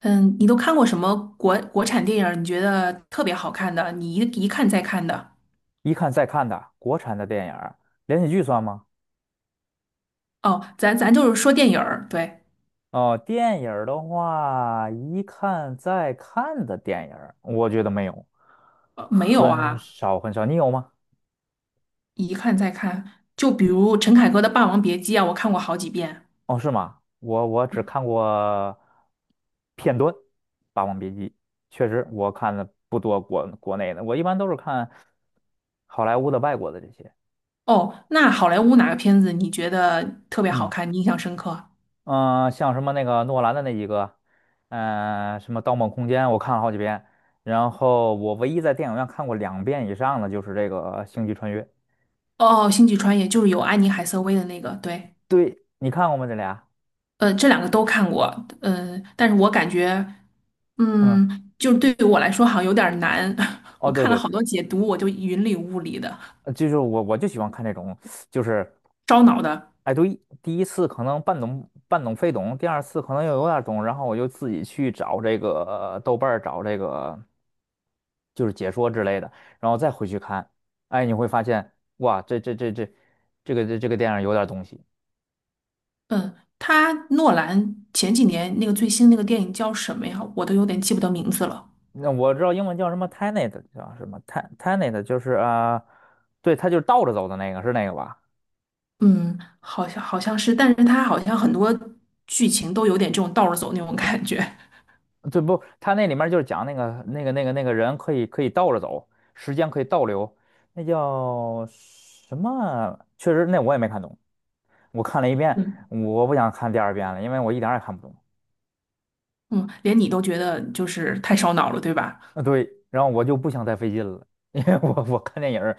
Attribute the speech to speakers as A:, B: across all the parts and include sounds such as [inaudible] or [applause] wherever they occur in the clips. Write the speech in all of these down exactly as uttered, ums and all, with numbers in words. A: 嗯，你都看过什么国国产电影儿你觉得特别好看的，你一一看再看的？
B: 一看再看的国产的电影儿，连续剧算吗？
A: 哦，咱咱就是说电影儿对，
B: 哦，电影儿的话，一看再看的电影儿，我觉得没有，
A: 呃没有
B: 很
A: 啊，
B: 少很少。你有吗？
A: 一看再看。就比如陈凯歌的《霸王别姬》啊，我看过好几遍。
B: 哦，是吗？我我只看过片段《霸王别姬》，确实我看的不多国国内的，我一般都是看好莱坞的、外国的这些。
A: 哦，那好莱坞哪个片子你觉得特别好
B: 嗯。
A: 看，你印象深刻？
B: 嗯、呃像什么那个诺兰的那几个，嗯、什么《盗梦空间》，我看了好几遍。然后我唯一在电影院看过两遍以上的就是这个呃星际穿越》。
A: 哦，《星际穿越》就是有安妮海瑟薇的那个，对，
B: 对，你看过吗？这俩？
A: 呃，这两个都看过，嗯、但是我感觉，
B: 嗯，
A: 嗯，就是对于我来说好像有点儿难，[laughs] 我
B: 哦，对
A: 看
B: 对，
A: 了
B: 呃
A: 好多解读，我就云里雾里的。
B: 就是我我就喜欢看这种，就是，
A: 烧脑的。
B: 哎，对，第一次可能半懂半懂非懂，第二次可能又有点儿懂，然后我就自己去找这个呃豆瓣儿找这个就是解说之类的，然后再回去看，哎，你会发现哇，这这这这这个这这个电影有点儿东西。
A: 嗯，他诺兰前几年那个最新那个电影叫什么呀？我都有点记不得名字了。
B: 那我知道英文叫什么 Tenet，叫什么 Ten Tenet，就是啊、呃对，他就是倒着走的那个，是那个吧？
A: 嗯，好像好像是，但是他好像很多剧情都有点这种倒着走那种感觉。
B: 对，不，他那里面就是讲那个那个那个那个人可以可以倒着走，时间可以倒流，那叫什么？确实，那我也没看懂，我看了一遍，
A: 嗯
B: 我不想看第二遍了，因为我一点儿也看不懂。
A: [laughs] 嗯，连你都觉得就是太烧脑了，对吧？
B: 啊，对，然后我就不想再费劲了，[laughs] 因为我我看电影儿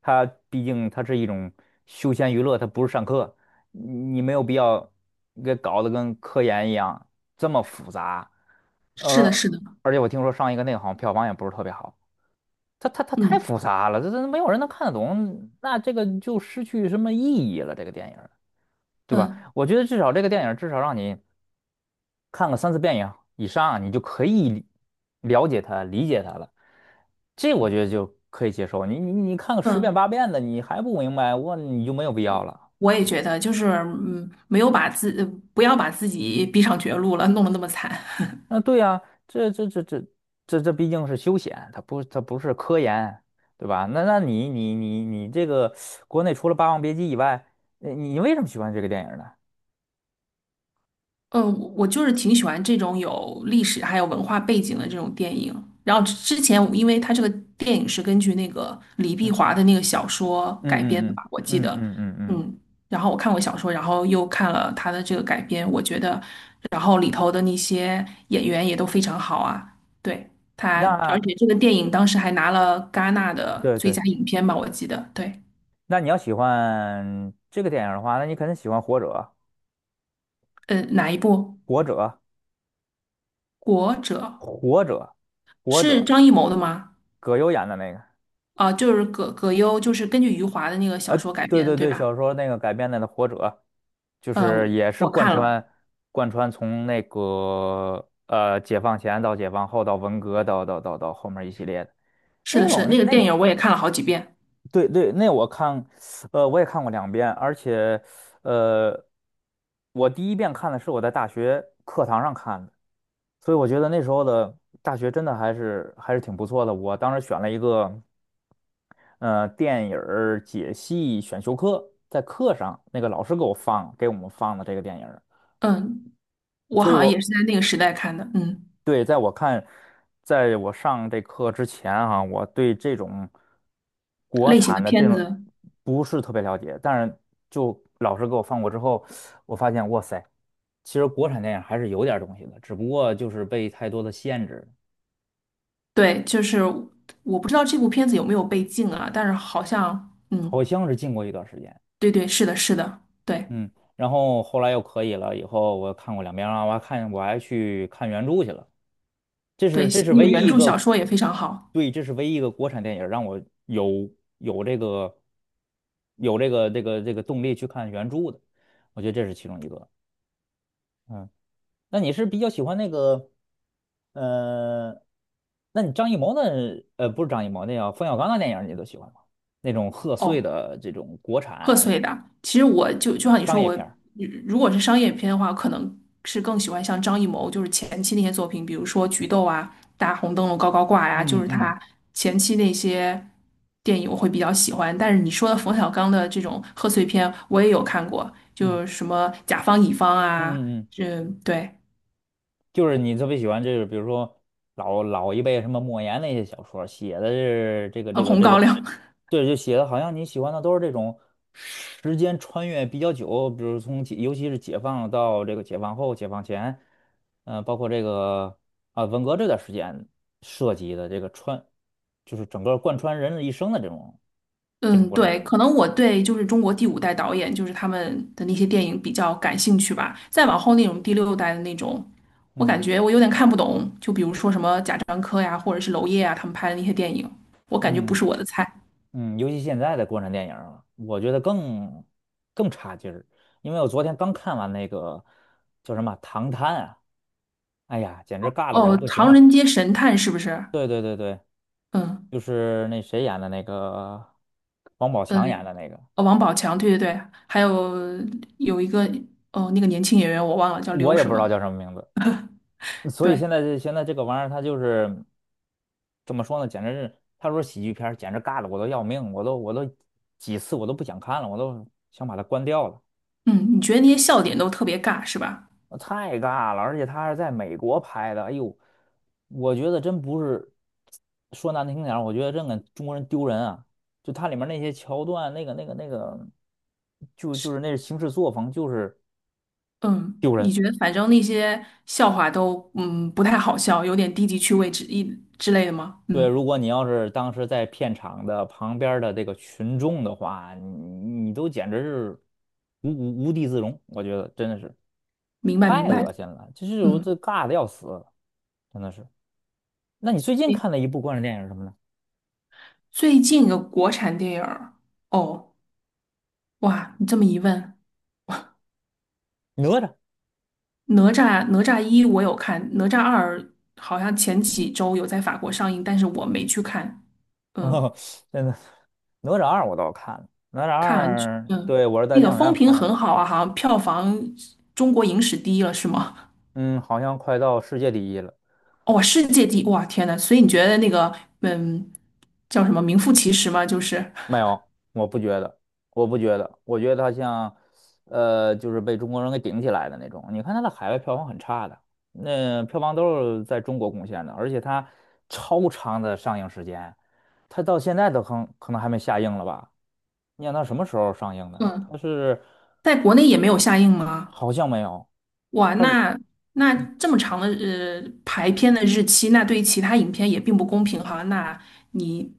B: 它毕竟它是一种休闲娱乐，它不是上课，你没有必要给搞得跟科研一样这么复杂，
A: 是的，
B: 而
A: 是的。
B: 而且我听说上一个那个好像票房也不是特别好，它它它太
A: 嗯
B: 复杂了，这这没有人能看得懂，那这个就失去什么意义了，这个电影儿对吧？
A: 嗯
B: 我觉得至少这个电影儿至少让你，看个三四遍以以上啊，你就可以了解它、理解它了。这我觉得就可以接受。你你你看个十遍
A: 嗯，
B: 八遍的，你还不明白，我你就没有必要了。
A: 我也觉得，就是嗯，没有把自呃不要把自己逼上绝路了，弄得那么惨。
B: 那对呀，这这这这这这毕竟是休闲，它不它不是科研，对吧？那那你你你你这个国内除了《霸王别姬》以外，呃你为什么喜欢这个电影呢？
A: 嗯，我我就是挺喜欢这种有历史还有文化背景的这种电影。然后之之前我因为它这个电影是根据那个李碧
B: 嗯
A: 华的那个小说改编的
B: 嗯
A: 吧，
B: 嗯
A: 我
B: 嗯
A: 记
B: 嗯
A: 得，
B: 嗯嗯嗯，
A: 嗯。然后我看过小说，然后又看了他的这个改编，我觉得，然后里头的那些演员也都非常好啊。对，他，而
B: 那
A: 且这个电影当时还拿了戛纳的
B: 对
A: 最佳
B: 对，
A: 影片吧，我记得。对，
B: 那你要喜欢这个电影的话，那你肯定喜欢《活着》。
A: 呃，哪一部？
B: 活着
A: 《国者》
B: 活着》，《活着》，
A: 是张艺谋的吗？
B: 葛优演的那个，
A: 啊、就是葛葛优，就是根据余华的那个小
B: 呃，
A: 说改
B: 对
A: 编的，
B: 对
A: 对
B: 对，
A: 吧？
B: 小说那个改编的那《活着》，就是
A: 嗯、
B: 也是
A: 我
B: 贯
A: 看了，
B: 穿贯穿从那个呃解放前到解放后到文革到到到到后面一系列的
A: 是
B: 那
A: 的，是的，那
B: 种
A: 个
B: 那
A: 电
B: 个，
A: 影我也看了好几遍。
B: 对对，那我看，呃，我也看过两遍，而且呃，我第一遍看的是我在大学课堂上看的。所以我觉得那时候的大学真的还是还是挺不错的。我当时选了一个，呃电影儿解析选修课，在课上那个老师给我放给我们放的这个电影儿，
A: 嗯，我
B: 所以
A: 好像也
B: 我
A: 是在那个时代看的。嗯，
B: 对在我看，在我上这课之前啊，我对这种国
A: 类型的
B: 产的这
A: 片
B: 种
A: 子，
B: 不是特别了解，但是就老师给我放过之后，我发现哇塞，其实国产电影还是有点儿东西的，只不过就是被太多的限制，
A: 对，就是我不知道这部片子有没有被禁啊，但是好像，嗯，
B: 好像是禁过一段时间。
A: 对对，是的，是的，对
B: 嗯，然后后来又可以了，以后我看过两遍了，我还看我还去看原著去了。这是
A: 对，
B: 这是
A: 那
B: 唯
A: 个
B: 一
A: 原
B: 一
A: 著小
B: 个，
A: 说也非常好。
B: 对，这是唯一一个国产电影让我有有这个有这个这个这个动力去看原著的，我觉得这是其中一个。嗯，那你是比较喜欢那个，呃，那你张艺谋的，呃，不是张艺谋，那叫冯小刚的电影你都喜欢吗？那种贺岁
A: 哦。
B: 的这种国
A: 贺
B: 产
A: 岁的。其实我就就像你
B: 商
A: 说，
B: 业
A: 我
B: 片儿。
A: 如果是商业片的话，可能是更喜欢像张艺谋，就是前期那些作品，比如说《菊豆》啊、《大红灯笼高高挂》呀，就
B: 嗯
A: 是
B: 嗯
A: 他前期那些电影我会比较喜欢。但是你说的冯小刚的这种贺岁片，我也有看过，
B: 嗯。
A: 就是什么《甲方乙方》
B: 嗯
A: 啊，
B: 嗯嗯，
A: 这对，
B: 就是你特别喜欢这个，比如说老老一辈什么莫言那些小说写的是这个
A: 呃
B: 这个
A: 《红
B: 这
A: 高
B: 个，
A: 粱》
B: 对，就写的好像你喜欢的都是这种时间穿越比较久，比如从解尤其是解放到这个解放后、解放前，嗯，包括这个啊文革这段时间涉及的这个穿，就是整个贯穿人的一生的这种这种
A: 嗯，
B: 国产电
A: 对，可
B: 影。
A: 能我对就是中国第五代导演，就是他们的那些电影比较感兴趣吧。再往后那种第六代的那种，我感
B: 嗯
A: 觉我有点看不懂。就比如说什么贾樟柯呀，或者是娄烨啊，他们拍的那些电影，我感觉不
B: 嗯。
A: 是我的菜。
B: 嗯，尤其现在的国产电影儿啊我觉得更更差劲儿，因为我昨天刚看完那个叫什么《唐探》啊，哎呀，简直尬的我都
A: 哦，
B: 不行
A: 《唐
B: 了。
A: 人街神探》是不是？
B: 对对对对，
A: 嗯
B: 就是那谁演的那个，王宝
A: 嗯，
B: 强演的那个，
A: 呃王宝强，对对对，还有有一个哦，那个年轻演员我忘了叫
B: 我
A: 刘
B: 也
A: 什
B: 不知
A: 么。
B: 道叫什么名字。所以
A: 对，
B: 现在这现在这个玩意儿，它就是怎么说呢？简直是他说喜剧片儿简直尬的我都要命，我都我都几次我都不想看了，我都想把它关掉了。
A: 嗯，你觉得那些笑点都特别尬是吧？
B: 太尬了，而且他是在美国拍的，哎呦，我觉得真不是说难听点儿我觉得真给中国人丢人啊！就它里面那些桥段，那个那个那个，就就是那行事作风就是
A: 嗯，
B: 丢
A: 你
B: 人。
A: 觉得反正那些笑话都嗯不太好笑，有点低级趣味之一之类的吗？
B: 对，
A: 嗯，
B: 如果你要是当时在片场的旁边儿的这个群众的话，你你都简直是无无无地自容，我觉得真的是
A: 明白
B: 太
A: 明白。
B: 恶心了，就是我这
A: 嗯，
B: 尬的要死，真的是。那你最近
A: 诶
B: 看的一部关于电影是什么呢？
A: 最近的国产电影儿，哦，哇，你这么一问，
B: 哪吒。
A: 哪吒哪吒一我有看，哪吒二好像前几周有在法国上映，但是我没去看。
B: [laughs]
A: 嗯，
B: 哦，真的，哪吒二我倒是看了，哪吒
A: 看完
B: 二，
A: 嗯，
B: 对，我是在
A: 那个
B: 电影
A: 风
B: 院
A: 评
B: 看的，
A: 很好啊，好像票房中国影史第一了，是吗？
B: 嗯，好像快到世界第一了，
A: 哦，世界第一，哇，天呐，所以你觉得那个，嗯，叫什么名副其实吗？就是，
B: 没有，我不觉得，我不觉得，我觉得它像，呃，就是被中国人给顶起来的那种。你看它的海外票房很差的，那票房都是在中国贡献的，而且它超长的上映时间，它到现在都可能可能还没下映了吧？你想它什么时候上映的？
A: 嗯，
B: 它是
A: 在国内也没有下映吗？
B: 好像没有。
A: 哇，
B: 是。
A: 那那这么长的呃排片的日期，那对于其他影片也并不公平哈。那你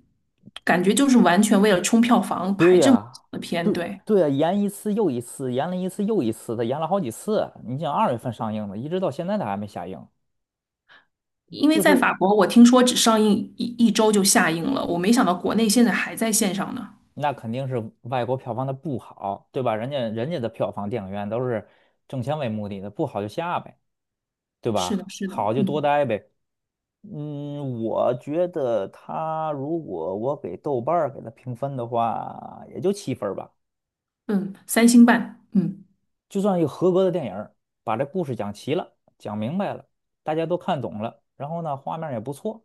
A: 感觉就是完全为了冲票房
B: 对
A: 排这么
B: 呀，
A: 长的片，
B: 对
A: 对？
B: 对呀，延一次又一次，延了一次又一次他延了好几次。你想二月份上映的，一直到现在他还没下映，
A: 因为
B: 就
A: 在
B: 是
A: 法国，我听说只上映一一周就下映了，我没想到国内现在还在线上呢。
B: 那肯定是外国票房它不好，对吧？人家人家的票房电影院都是挣钱为目的的，不好就下呗，对
A: 是的，
B: 吧？
A: 是的，
B: 好就多
A: 嗯
B: 待呗。嗯，我觉得他如果我给豆瓣儿给他评分的话，也就七分儿吧。
A: 嗯，三星半，嗯。
B: 就算一个合格的电影儿把这故事讲齐了，讲明白了，大家都看懂了，然后呢，画面儿也不错，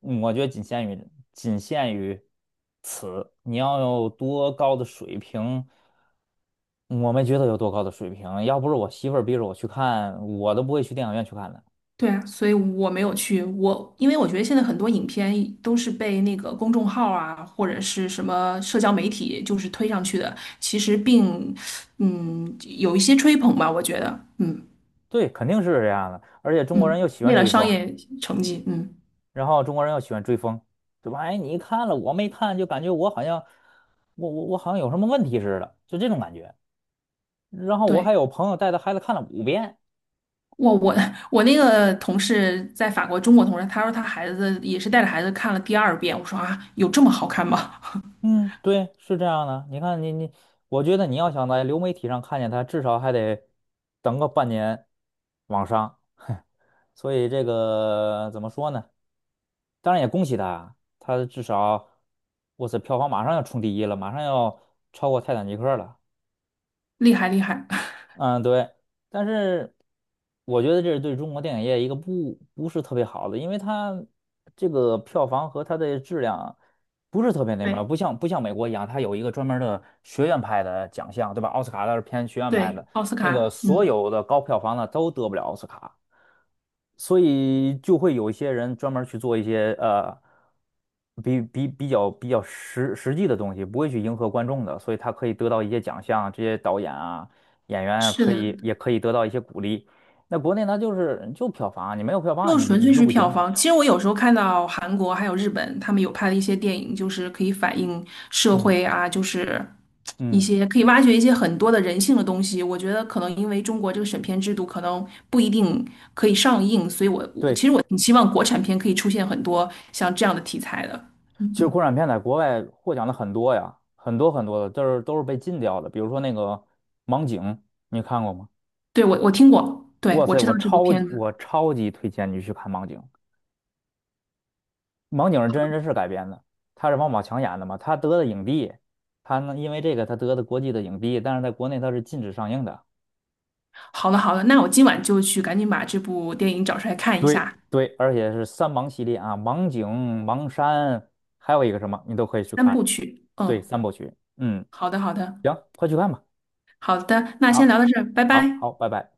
B: 嗯我觉得仅限于仅限于你要有多高的水平，我没觉得有多高的水平，要不是我媳妇儿逼着我去看，我都不会去电影院去看的。
A: 对啊，所以我没有去。我因为我觉得现在很多影片都是被那个公众号啊，或者是什么社交媒体就是推上去的，其实并嗯有一些吹捧吧，我觉得，嗯
B: 对，肯定是这样的，而且中国人又
A: 嗯，
B: 喜欢
A: 为了
B: 追
A: 商
B: 风，
A: 业成绩，嗯，
B: 然后中国人又喜欢追风，对吧？哎，你看了我没看，就感觉我好像我我我好像有什么问题似的，就这种感觉。然后我还
A: 对。
B: 有朋友带着孩子看了五遍。
A: 我我 [laughs] 我那个同事在法国，中国同事，他说他孩子也是带着孩子看了第二遍。我说啊，有这么好看吗？
B: 嗯，对，是这样的。你看你你，我觉得你要想在流媒体上看见他，至少还得等个半年往上。[laughs] 所以这个怎么说呢？当然也恭喜他，他至少，哇塞，票房马上要冲第一了，马上要超过《泰坦尼克》了。
A: [laughs] 厉害厉害，[laughs]
B: 嗯，对，但是我觉得这是对中国电影业一个不不是特别好的，因为它这个票房和它的质量不是特别那么，
A: 对
B: 不像不像美国一样，它有一个专门儿的学院派的奖项，对吧？奥斯卡它是偏学院派
A: 对，
B: 的，
A: 奥斯
B: 那个
A: 卡，
B: 所
A: 嗯，
B: 有的高票房的都得不了奥斯卡，所以就会有一些人专门儿去做一些呃比比比较比较实实际的东西，不会去迎合观众的，所以他可以得到一些奖项，这些导演啊。演员
A: 是
B: 可
A: 的，
B: 以也可以得到一些鼓励。那国内呢，就是就票房啊，你没有票
A: 就
B: 房，你
A: 纯
B: 你
A: 粹
B: 就
A: 是
B: 不
A: 票
B: 行。
A: 房。其实我有时候看到韩国还有日本，他们有拍的一些电影，就是可以反映社
B: 嗯
A: 会啊，就是一
B: 嗯，
A: 些可以挖掘一些很多的人性的东西。我觉得可能因为中国这个审片制度可能不一定可以上映，所以我我其
B: 对，
A: 实我挺希望国产片可以出现很多像这样的题材的。嗯
B: 其实
A: 嗯，
B: 国产片在国外获奖的很多呀，很多很多的，就是都是被禁掉的。比如说那个《盲井》，你看过吗？
A: 对，我我听过，对，
B: 哇
A: 我
B: 塞，
A: 知道
B: 我
A: 这部
B: 超级
A: 片子。
B: 我超级推荐你去看《盲井》，《盲井》是真人真事改编的，他是王宝强演的嘛，他得的影帝，他呢因为这个他得的国际的影帝，但是在国内他是禁止上映的。
A: 好了好了，那我今晚就去赶紧把这部电影找出来看一
B: 对
A: 下，
B: 对，而且是三盲系列啊，盲井、盲山，还有一个什么，你都可以去
A: 三
B: 看。
A: 部曲。
B: 对，
A: 嗯，
B: 三部曲。嗯，
A: 好的好的。
B: 行，快去看吧。
A: 好的，那先聊
B: 好，
A: 到这儿，拜
B: 好，
A: 拜。
B: 好，拜拜。